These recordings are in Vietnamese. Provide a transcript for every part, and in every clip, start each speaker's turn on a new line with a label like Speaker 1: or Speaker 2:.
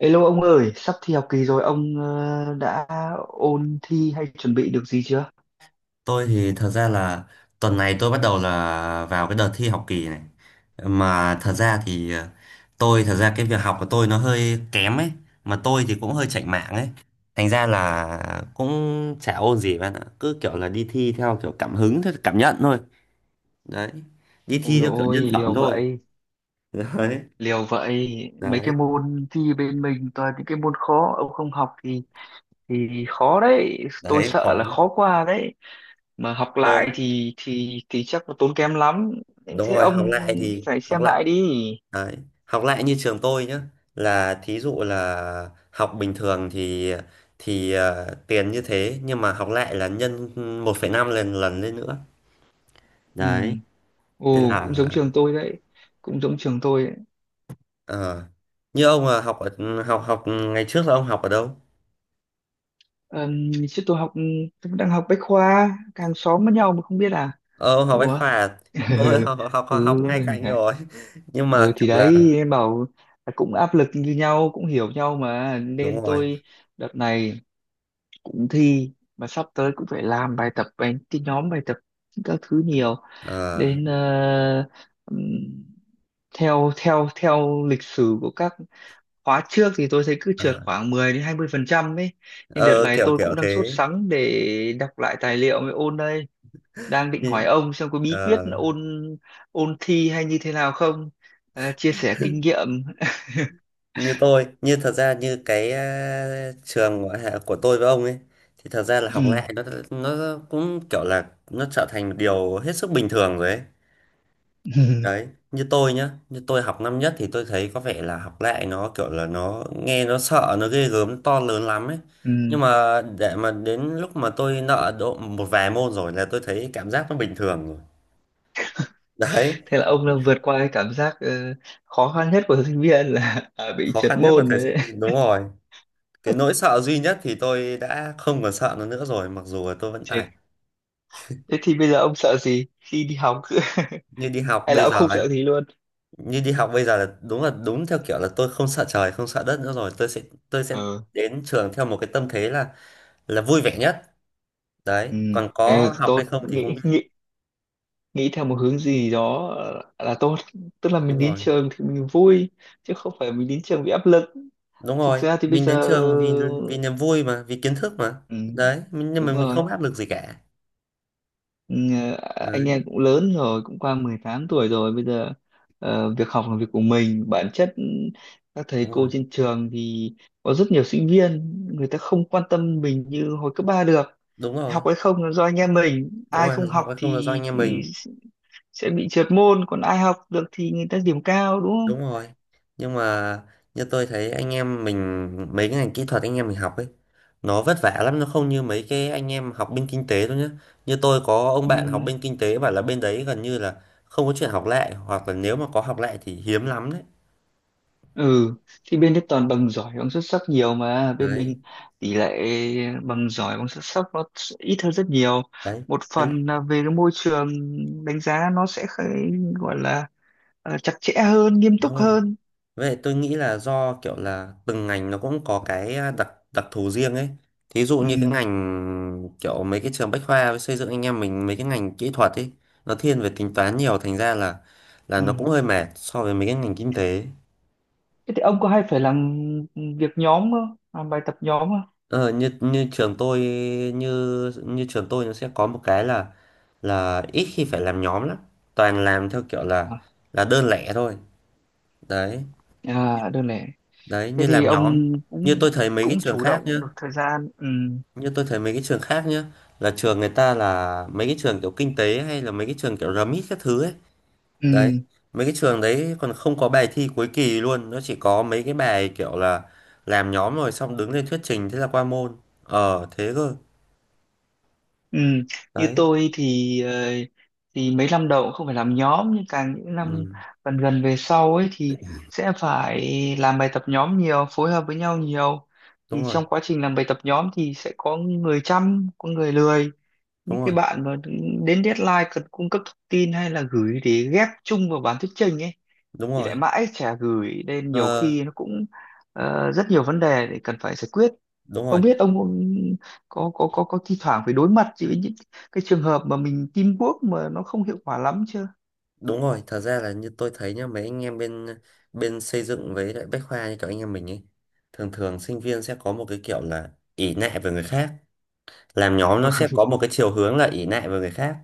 Speaker 1: Hello ông ơi, sắp thi học kỳ rồi, ông đã ôn thi hay chuẩn bị được gì chưa?
Speaker 2: Tôi thì thật ra là tuần này tôi bắt đầu là vào cái đợt thi học kỳ này. Mà thật ra thì tôi thật ra cái việc học của tôi nó hơi kém ấy, mà tôi thì cũng hơi chạnh mạng ấy. Thành ra là cũng chả ôn gì bạn ạ, cứ kiểu là đi thi theo kiểu cảm hứng theo cảm nhận thôi. Đấy. Đi
Speaker 1: Ôi
Speaker 2: thi
Speaker 1: dồi
Speaker 2: theo kiểu nhân
Speaker 1: ôi,
Speaker 2: phẩm
Speaker 1: liều
Speaker 2: thôi.
Speaker 1: vậy,
Speaker 2: Đấy,
Speaker 1: liều vậy. Mấy
Speaker 2: đấy,
Speaker 1: cái môn thi bên mình toàn những cái môn khó, ông không học thì khó đấy. Tôi
Speaker 2: đấy,
Speaker 1: sợ
Speaker 2: khó
Speaker 1: là khó qua đấy. Mà học lại
Speaker 2: tôi.
Speaker 1: thì chắc là tốn kém lắm.
Speaker 2: Đúng
Speaker 1: Thế
Speaker 2: rồi, học
Speaker 1: ông
Speaker 2: lại thì
Speaker 1: phải
Speaker 2: học
Speaker 1: xem
Speaker 2: lại.
Speaker 1: lại đi.
Speaker 2: Đấy. Học lại như trường tôi nhé, là thí dụ là học bình thường thì tiền như thế, nhưng mà học lại là nhân một phẩy năm lần lần lên nữa,
Speaker 1: Ừ,
Speaker 2: đấy, nên
Speaker 1: ồ cũng
Speaker 2: là
Speaker 1: giống trường tôi đấy, cũng giống trường tôi đấy.
Speaker 2: ờ, như ông là học ở học học ngày trước là ông học ở đâu?
Speaker 1: Chứ tôi đang học Bách Khoa, hàng xóm với nhau mà không biết à?
Speaker 2: Ờ, ông học bách
Speaker 1: Ủa?
Speaker 2: khoa à? Tôi học
Speaker 1: Ừ,
Speaker 2: ngay cạnh
Speaker 1: hả?
Speaker 2: rồi nhưng
Speaker 1: Ừ
Speaker 2: mà
Speaker 1: thì
Speaker 2: kiểu là
Speaker 1: đấy em bảo là cũng áp lực như nhau cũng hiểu nhau mà
Speaker 2: đúng
Speaker 1: nên
Speaker 2: rồi.
Speaker 1: tôi đợt này cũng thi mà sắp tới cũng phải làm bài tập bài cái nhóm bài tập các thứ nhiều
Speaker 2: ờ,
Speaker 1: nên ừm, theo theo theo lịch sử của các khóa trước thì tôi thấy cứ trượt
Speaker 2: ờ,
Speaker 1: khoảng 10 đến 20% ấy, nên đợt
Speaker 2: ờ,
Speaker 1: này
Speaker 2: kiểu
Speaker 1: tôi
Speaker 2: kiểu
Speaker 1: cũng đang sốt
Speaker 2: thế.
Speaker 1: sắng để đọc lại tài liệu mới ôn đây, đang định hỏi
Speaker 2: Như-
Speaker 1: ông xem có bí quyết
Speaker 2: ờ,
Speaker 1: ôn ôn thi hay như thế nào không. Chia sẻ kinh nghiệm.
Speaker 2: như tôi như thật ra như cái trường của, hạ- của tôi với ông ấy thì thật ra là học
Speaker 1: Ừ.
Speaker 2: lại nó cũng kiểu là nó trở thành một điều hết sức bình thường rồi ấy. Đấy, như tôi nhá, như tôi học năm nhất thì tôi thấy có vẻ là học lại nó kiểu là nó nghe nó sợ nó ghê gớm nó to lớn lắm ấy,
Speaker 1: Ừ.
Speaker 2: nhưng mà để mà đến lúc mà tôi nợ độ một vài môn rồi là tôi thấy cảm giác nó bình thường rồi. Đấy,
Speaker 1: Thế là ông đã vượt qua cái cảm giác khó khăn nhất của sinh viên là à, bị
Speaker 2: khó
Speaker 1: trượt
Speaker 2: khăn nhất là
Speaker 1: môn
Speaker 2: thầy sinh
Speaker 1: đấy.
Speaker 2: viên, đúng rồi, cái
Speaker 1: Đấy.
Speaker 2: nỗi sợ duy nhất thì tôi đã không còn sợ nó nữa rồi mặc dù là tôi vẫn tài.
Speaker 1: Thế, thế thì bây giờ ông sợ gì khi đi học
Speaker 2: Như đi học
Speaker 1: hay là
Speaker 2: bây
Speaker 1: ông
Speaker 2: giờ
Speaker 1: không
Speaker 2: ấy,
Speaker 1: sợ gì luôn?
Speaker 2: như đi học bây giờ là đúng theo kiểu là tôi không sợ trời không sợ đất nữa rồi, tôi sẽ
Speaker 1: Ờ,
Speaker 2: đến trường theo một cái tâm thế là vui vẻ nhất. Đấy,
Speaker 1: ừ,
Speaker 2: còn
Speaker 1: thế là
Speaker 2: có học hay
Speaker 1: tốt,
Speaker 2: không thì không
Speaker 1: nghĩ
Speaker 2: biết.
Speaker 1: nghĩ nghĩ theo một hướng gì đó là tốt, tức là
Speaker 2: Đúng
Speaker 1: mình đến
Speaker 2: rồi,
Speaker 1: trường thì mình vui chứ không phải mình đến trường bị áp lực.
Speaker 2: đúng
Speaker 1: Thực
Speaker 2: rồi,
Speaker 1: ra thì bây
Speaker 2: mình
Speaker 1: giờ,
Speaker 2: đến trường vì vì niềm vui mà, vì kiến thức mà.
Speaker 1: ừ,
Speaker 2: Đấy, nhưng
Speaker 1: đúng
Speaker 2: mà mình
Speaker 1: rồi,
Speaker 2: không áp lực gì cả.
Speaker 1: ừ, anh
Speaker 2: Đấy,
Speaker 1: em cũng lớn rồi, cũng qua 18 tuổi rồi. Bây giờ việc học là việc của mình bản chất. Ừ, các thầy
Speaker 2: đúng rồi,
Speaker 1: cô trên trường thì có rất nhiều sinh viên, người ta không quan tâm mình như hồi cấp 3 được.
Speaker 2: đúng rồi,
Speaker 1: Học hay không là do anh em mình,
Speaker 2: đúng
Speaker 1: ai
Speaker 2: rồi,
Speaker 1: không
Speaker 2: học
Speaker 1: học
Speaker 2: hay không là do anh
Speaker 1: thì
Speaker 2: em mình,
Speaker 1: sẽ bị trượt môn, còn ai học được thì người ta điểm cao, đúng không?
Speaker 2: đúng rồi. Nhưng mà như tôi thấy anh em mình mấy cái ngành kỹ thuật anh em mình học ấy, nó vất vả lắm, nó không như mấy cái anh em học bên kinh tế đâu nhá. Như tôi có ông
Speaker 1: Ừ,
Speaker 2: bạn học bên kinh tế bảo là bên đấy gần như là không có chuyện học lại, hoặc là nếu mà có học lại thì hiếm lắm. Đấy,
Speaker 1: ừ, thì bên đấy toàn bằng giỏi bằng xuất sắc nhiều, mà bên
Speaker 2: đấy,
Speaker 1: mình tỷ lệ bằng giỏi bằng xuất sắc nó sẽ ít hơn rất nhiều.
Speaker 2: đấy,
Speaker 1: Một
Speaker 2: Thế là-
Speaker 1: phần là về cái môi trường đánh giá nó sẽ gọi là chặt chẽ hơn, nghiêm túc
Speaker 2: đúng rồi.
Speaker 1: hơn.
Speaker 2: Vậy tôi nghĩ là do kiểu là từng ngành nó cũng có cái đặc đặc thù riêng ấy. Thí dụ
Speaker 1: Ừ,
Speaker 2: như cái ngành kiểu mấy cái trường bách khoa với xây dựng anh em mình mấy cái ngành kỹ thuật ấy nó thiên về tính toán nhiều, thành ra là
Speaker 1: ừ.
Speaker 2: nó cũng hơi mệt so với mấy cái ngành kinh tế.
Speaker 1: Thế thì ông có hay phải làm việc nhóm không, làm bài tập nhóm không?
Speaker 2: Ờ, như như trường tôi, như như trường tôi nó sẽ có một cái là ít khi phải làm nhóm lắm. Toàn làm theo kiểu là
Speaker 1: À,
Speaker 2: đơn lẻ thôi. Đấy,
Speaker 1: à đơn lẻ.
Speaker 2: đấy
Speaker 1: Thế
Speaker 2: như
Speaker 1: thì
Speaker 2: làm nhóm.
Speaker 1: ông
Speaker 2: Như
Speaker 1: cũng
Speaker 2: tôi thấy mấy cái
Speaker 1: cũng
Speaker 2: trường
Speaker 1: chủ
Speaker 2: khác nhá,
Speaker 1: động được thời gian, ừ,
Speaker 2: như tôi thấy mấy cái trường khác nhá, là trường người ta là mấy cái trường kiểu kinh tế hay là mấy cái trường kiểu RMIT các thứ ấy. Đấy,
Speaker 1: ừ.
Speaker 2: mấy cái trường đấy còn không có bài thi cuối kỳ luôn, nó chỉ có mấy cái bài kiểu là làm nhóm rồi xong đứng lên thuyết trình thế là qua môn. Ờ thế cơ.
Speaker 1: Ừ. Như
Speaker 2: Đấy,
Speaker 1: tôi thì mấy năm đầu cũng không phải làm nhóm, nhưng càng những năm
Speaker 2: ừ,
Speaker 1: gần gần về sau ấy thì sẽ phải làm bài tập nhóm nhiều, phối hợp với nhau nhiều. Thì
Speaker 2: đúng rồi,
Speaker 1: trong quá trình làm bài tập nhóm thì sẽ có người chăm có người lười,
Speaker 2: đúng
Speaker 1: những cái
Speaker 2: rồi,
Speaker 1: bạn mà đến deadline cần cung cấp thông tin hay là gửi để ghép chung vào bản thuyết trình ấy
Speaker 2: đúng
Speaker 1: thì
Speaker 2: rồi,
Speaker 1: lại mãi chả gửi, nên nhiều
Speaker 2: ờ,
Speaker 1: khi nó cũng rất nhiều vấn đề để cần phải giải quyết.
Speaker 2: đúng
Speaker 1: Không
Speaker 2: rồi,
Speaker 1: biết ông có thi thoảng phải đối mặt với những cái trường hợp mà mình teamwork mà nó không hiệu quả lắm chưa?
Speaker 2: đúng rồi. Thật ra là như tôi thấy nhá, mấy anh em bên bên xây dựng với lại Bách Khoa như kiểu anh em mình ấy, thường thường sinh viên sẽ có một cái kiểu là ỷ lại về người khác, làm nhóm nó sẽ
Speaker 1: Ừ.
Speaker 2: có một cái chiều hướng là ỷ lại vào người khác.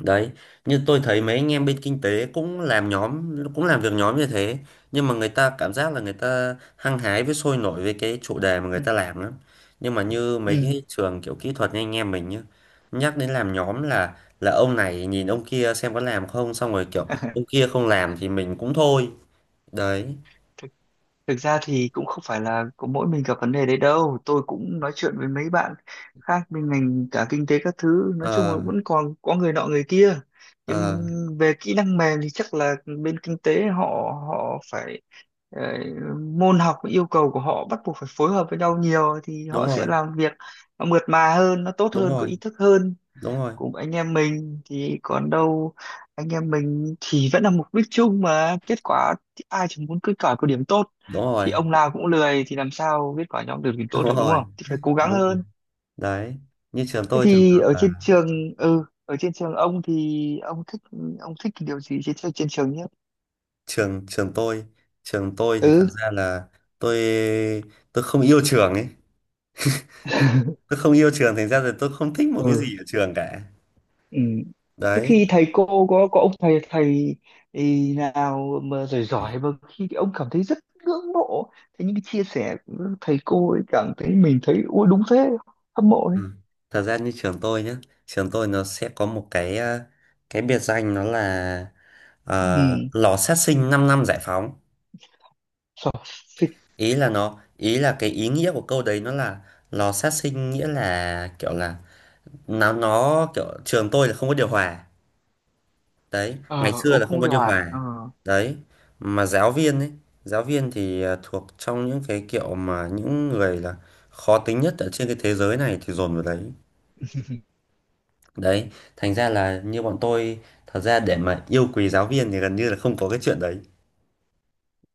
Speaker 2: Đấy, như tôi thấy mấy anh em bên kinh tế cũng làm nhóm cũng làm việc nhóm như thế, nhưng mà người ta cảm giác là người ta hăng hái với sôi nổi với cái chủ đề mà người
Speaker 1: Ừ,
Speaker 2: ta làm lắm. Nhưng mà như mấy
Speaker 1: ừ.
Speaker 2: cái trường kiểu kỹ thuật như anh em mình nhá, nhắc đến làm nhóm là ông này nhìn ông kia xem có làm không, xong rồi kiểu ông kia không làm thì mình cũng thôi. Đấy,
Speaker 1: Thực ra thì cũng không phải là có mỗi mình gặp vấn đề đấy đâu. Tôi cũng nói chuyện với mấy bạn khác bên ngành cả kinh tế các thứ. Nói chung
Speaker 2: ờ,
Speaker 1: là vẫn còn có người nọ người kia. Nhưng
Speaker 2: ờ,
Speaker 1: về kỹ năng mềm thì chắc là bên kinh tế họ họ phải ờ, môn học yêu cầu của họ bắt buộc phải phối hợp với nhau nhiều thì
Speaker 2: đúng
Speaker 1: họ sẽ
Speaker 2: rồi,
Speaker 1: làm việc nó mượt mà hơn, nó tốt
Speaker 2: đúng
Speaker 1: hơn, có
Speaker 2: rồi,
Speaker 1: ý thức hơn.
Speaker 2: đúng rồi,
Speaker 1: Cùng anh em mình thì còn đâu, anh em mình thì vẫn là mục đích chung mà kết quả thì ai chẳng muốn kết quả có điểm tốt.
Speaker 2: đúng
Speaker 1: Thì
Speaker 2: rồi,
Speaker 1: ông nào cũng lười thì làm sao kết quả nhóm được điểm
Speaker 2: đúng
Speaker 1: tốt được, đúng không?
Speaker 2: rồi,
Speaker 1: Thì phải cố gắng
Speaker 2: đúng rồi.
Speaker 1: hơn.
Speaker 2: Đấy, như trường
Speaker 1: Thế
Speaker 2: tôi thường
Speaker 1: thì
Speaker 2: thường
Speaker 1: ở trên
Speaker 2: là
Speaker 1: trường, ừ, ở trên trường ông thì ông thích, ông thích cái điều gì trên trên trường nhất?
Speaker 2: trường trường tôi, trường tôi thì thật
Speaker 1: Ừ.
Speaker 2: ra là tôi tôi không yêu trường ấy, tôi không yêu trường thành ra là tôi không thích một cái
Speaker 1: Ừ.
Speaker 2: gì ở trường cả.
Speaker 1: Ừ. Thế
Speaker 2: Đấy,
Speaker 1: khi thầy cô có ông thầy thầy ý nào mà giỏi giỏi mà khi ông cảm thấy rất ngưỡng mộ, thế những cái chia sẻ của thầy cô ấy cảm thấy mình thấy ui đúng thế, hâm mộ đấy.
Speaker 2: ừ. Thật ra như trường tôi nhá, trường tôi nó sẽ có một cái cái biệt danh nó là
Speaker 1: Ừ.
Speaker 2: lò sát sinh 5 năm giải phóng.
Speaker 1: Sợ.
Speaker 2: Ý là nó ý là cái ý nghĩa của câu đấy nó là lò sát sinh, nghĩa là kiểu là nó kiểu trường tôi là không có điều hòa. Đấy, ngày
Speaker 1: Ờ
Speaker 2: xưa
Speaker 1: ông
Speaker 2: là không
Speaker 1: không
Speaker 2: có
Speaker 1: điều
Speaker 2: điều
Speaker 1: hòa,
Speaker 2: hòa. Đấy, mà giáo viên ấy, giáo viên thì thuộc trong những cái kiểu mà những người là khó tính nhất ở trên cái thế giới này thì dồn vào đấy. Đấy, thành ra là như bọn tôi, thật ra để mà yêu quý giáo viên thì gần như là không có cái chuyện đấy.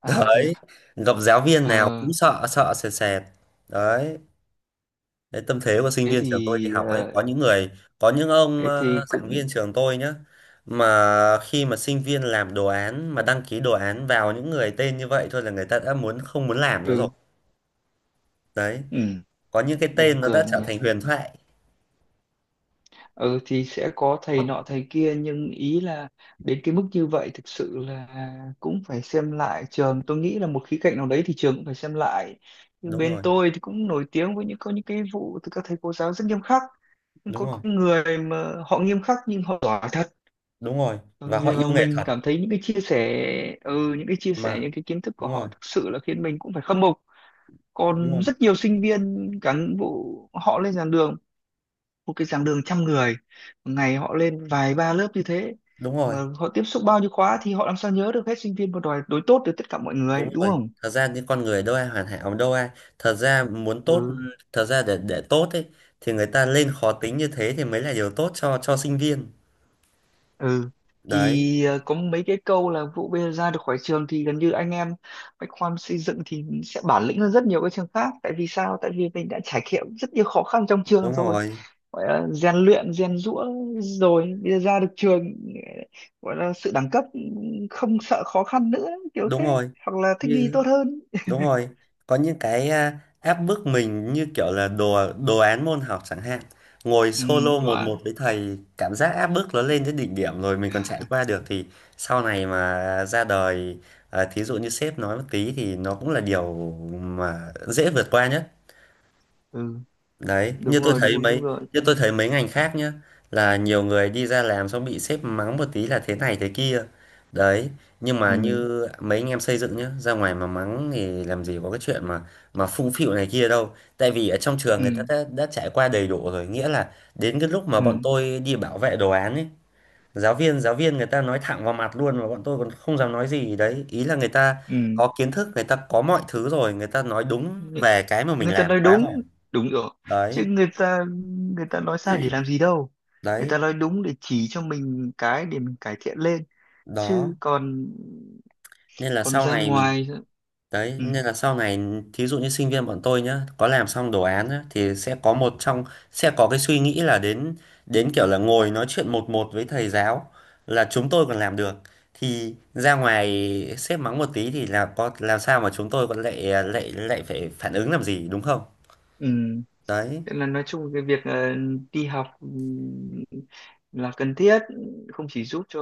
Speaker 1: à thế à?
Speaker 2: Đấy, gặp giáo viên nào
Speaker 1: ờ
Speaker 2: cũng sợ sợ sệt sệt. Đấy, Đấy, tâm thế của sinh
Speaker 1: thế
Speaker 2: viên trường tôi đi
Speaker 1: thì
Speaker 2: học ấy, có những người có những ông
Speaker 1: thế thì
Speaker 2: giảng
Speaker 1: cũng
Speaker 2: viên trường tôi nhá, mà khi mà sinh viên làm đồ án mà đăng ký đồ án vào những người tên như vậy thôi là người ta đã không muốn làm nữa rồi.
Speaker 1: ừ,
Speaker 2: Đấy,
Speaker 1: ừ,
Speaker 2: có những cái
Speaker 1: buồn
Speaker 2: tên nó
Speaker 1: cười
Speaker 2: đã trở
Speaker 1: nhỉ.
Speaker 2: thành huyền thoại.
Speaker 1: Ừ, thì sẽ có thầy nọ thầy kia, nhưng ý là đến cái mức như vậy thực sự là cũng phải xem lại, trường tôi nghĩ là một khía cạnh nào đấy thì trường cũng phải xem lại. Nhưng
Speaker 2: Đúng
Speaker 1: bên
Speaker 2: rồi,
Speaker 1: tôi thì cũng nổi tiếng với những có những cái vụ từ các thầy cô giáo rất nghiêm khắc, nhưng
Speaker 2: đúng
Speaker 1: có
Speaker 2: rồi,
Speaker 1: những người mà họ nghiêm khắc nhưng họ giỏi thật,
Speaker 2: đúng rồi, và họ
Speaker 1: vì
Speaker 2: yêu
Speaker 1: mà
Speaker 2: nghệ
Speaker 1: mình
Speaker 2: thuật
Speaker 1: cảm thấy những cái chia sẻ, ừ, những cái chia sẻ
Speaker 2: mà,
Speaker 1: những cái kiến thức của
Speaker 2: đúng
Speaker 1: họ
Speaker 2: rồi,
Speaker 1: thực sự là khiến mình cũng phải khâm phục.
Speaker 2: đúng
Speaker 1: Còn
Speaker 2: rồi,
Speaker 1: rất nhiều sinh viên cán bộ họ lên giảng đường, một cái giảng đường trăm người, một ngày họ lên vài ba lớp như thế,
Speaker 2: đúng rồi,
Speaker 1: mà họ tiếp xúc bao nhiêu khóa thì họ làm sao nhớ được hết sinh viên và đòi đối tốt với tất cả mọi người,
Speaker 2: đúng
Speaker 1: đúng
Speaker 2: rồi,
Speaker 1: không?
Speaker 2: thật ra những con người đâu ai hoàn hảo, đâu ai thật ra muốn tốt
Speaker 1: Ừ,
Speaker 2: thật ra để tốt ấy thì người ta lên khó tính như thế thì mới là điều tốt cho sinh viên.
Speaker 1: ừ,
Speaker 2: Đấy,
Speaker 1: thì có mấy cái câu là vụ bây giờ ra được khỏi trường thì gần như anh em bách khoa xây dựng thì sẽ bản lĩnh hơn rất nhiều các trường khác, tại vì sao, tại vì mình đã trải nghiệm rất nhiều khó khăn trong trường
Speaker 2: đúng
Speaker 1: rồi,
Speaker 2: rồi,
Speaker 1: gọi là rèn luyện rèn giũa, rồi bây giờ ra được trường gọi là sự đẳng cấp, không sợ khó khăn nữa, kiểu
Speaker 2: đúng
Speaker 1: thế,
Speaker 2: rồi,
Speaker 1: hoặc là thích nghi
Speaker 2: như
Speaker 1: tốt hơn.
Speaker 2: đúng rồi, có những cái áp bức mình như kiểu là đồ đồ án môn học chẳng hạn, ngồi
Speaker 1: Ừ,
Speaker 2: solo một một
Speaker 1: đoán,
Speaker 2: với thầy cảm giác áp bức nó lên đến đỉnh điểm rồi mình còn trải qua được, thì sau này mà ra đời, thí dụ như sếp nói một tí thì nó cũng là điều mà dễ vượt qua nhất.
Speaker 1: ừ,
Speaker 2: Đấy,
Speaker 1: đúng rồi, đúng đúng rồi.
Speaker 2: như tôi thấy mấy ngành khác nhá là nhiều người đi ra làm xong bị sếp mắng một tí là thế này thế kia. Đấy, nhưng mà
Speaker 1: Ừ,
Speaker 2: như mấy anh em xây dựng nhá, ra ngoài mà mắng thì làm gì có cái chuyện mà phung phịu này kia đâu. Tại vì ở trong trường người ta
Speaker 1: ừ,
Speaker 2: đã trải qua đầy đủ rồi, nghĩa là đến cái lúc mà bọn
Speaker 1: ừ,
Speaker 2: tôi đi bảo vệ đồ án ấy, giáo viên người ta nói thẳng vào mặt luôn mà bọn tôi còn không dám nói gì đấy. Ý là người ta
Speaker 1: ừ.
Speaker 2: có kiến thức, người ta có mọi thứ rồi, người ta nói đúng
Speaker 1: Ng-
Speaker 2: về cái mà mình
Speaker 1: người ta
Speaker 2: làm
Speaker 1: nói
Speaker 2: quá rồi.
Speaker 1: đúng, đúng rồi, chứ
Speaker 2: Đấy,
Speaker 1: người ta, người ta nói sai để làm gì đâu, người
Speaker 2: đấy,
Speaker 1: ta nói đúng để chỉ cho mình cái để mình cải thiện lên chứ
Speaker 2: đó,
Speaker 1: còn,
Speaker 2: nên là
Speaker 1: còn
Speaker 2: sau
Speaker 1: ra
Speaker 2: này mình,
Speaker 1: ngoài,
Speaker 2: đấy
Speaker 1: ừ,
Speaker 2: nên là sau này thí dụ như sinh viên bọn tôi nhá, có làm xong đồ án nhá, thì sẽ có cái suy nghĩ là đến đến kiểu là ngồi nói chuyện một một với thầy giáo là chúng tôi còn làm được, thì ra ngoài sếp mắng một tí thì là có làm sao mà chúng tôi còn lại lại lại phải phản ứng làm gì, đúng không?
Speaker 1: ừ.
Speaker 2: Đấy,
Speaker 1: Thế là nói chung cái việc đi học, là cần thiết, không chỉ giúp cho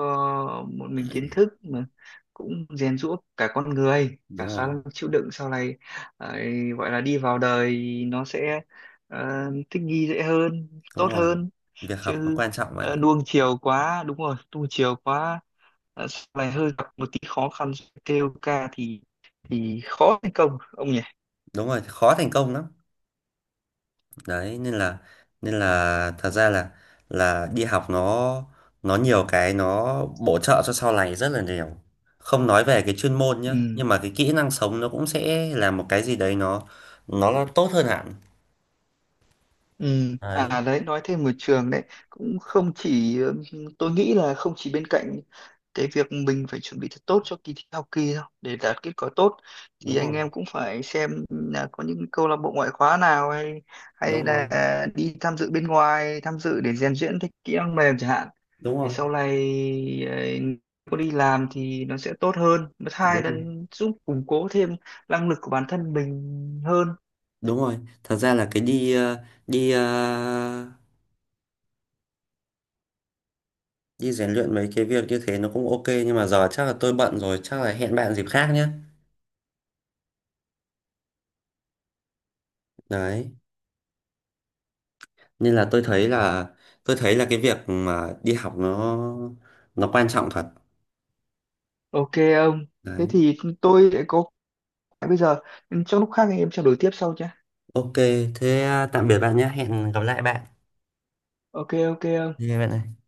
Speaker 1: một mình kiến thức mà cũng rèn giũa cả con người cả
Speaker 2: đúng
Speaker 1: khả
Speaker 2: rồi,
Speaker 1: năng chịu đựng sau này ấy, gọi là đi vào đời nó sẽ ờ, thích nghi dễ hơn
Speaker 2: đúng
Speaker 1: tốt
Speaker 2: rồi,
Speaker 1: hơn,
Speaker 2: việc học nó
Speaker 1: chứ
Speaker 2: quan trọng bạn ạ.
Speaker 1: nuông chiều quá, đúng rồi, nuông chiều quá sau này hơi gặp một tí khó khăn kêu ca thì khó thành công ông nhỉ.
Speaker 2: Đúng rồi, khó thành công lắm. Đấy nên là, nên là thật ra là đi học nó nhiều cái nó bổ trợ cho sau này rất là nhiều, không nói về cái chuyên môn nhá,
Speaker 1: Ừ.
Speaker 2: nhưng mà cái kỹ năng sống nó cũng sẽ là một cái gì đấy nó là tốt hơn hẳn.
Speaker 1: Ừ.
Speaker 2: Đấy,
Speaker 1: À đấy nói thêm một trường đấy, cũng không chỉ tôi nghĩ là không chỉ, bên cạnh cái việc mình phải chuẩn bị thật tốt cho kỳ thi học kỳ đâu để đạt kết quả tốt, thì
Speaker 2: đúng
Speaker 1: anh
Speaker 2: rồi,
Speaker 1: em cũng phải xem là có những câu lạc bộ ngoại khóa nào hay,
Speaker 2: đúng
Speaker 1: hay
Speaker 2: rồi,
Speaker 1: là đi tham dự bên ngoài, tham dự để rèn luyện thêm kỹ năng mềm chẳng hạn,
Speaker 2: đúng
Speaker 1: để
Speaker 2: rồi,
Speaker 1: sau này ấy, có đi làm thì nó sẽ tốt hơn, thứ
Speaker 2: đúng
Speaker 1: hai là
Speaker 2: rồi,
Speaker 1: giúp củng cố thêm năng lực của bản thân mình hơn.
Speaker 2: đúng rồi, thật ra là cái đi ờ, đi rèn luyện mấy cái việc như thế nó cũng ok, nhưng mà giờ chắc là tôi bận rồi, chắc là hẹn bạn dịp khác nhé. Đấy, nên là tôi thấy là, cái việc mà đi học nó quan trọng thật.
Speaker 1: Ok ông. Thế
Speaker 2: Đấy,
Speaker 1: thì tôi lại có bây giờ, trong lúc khác anh em trao đổi tiếp sau nhé.
Speaker 2: ok, thế tạm biệt bạn nhé, hẹn gặp lại bạn.
Speaker 1: Ok ok ok.
Speaker 2: Bye bạn ơi.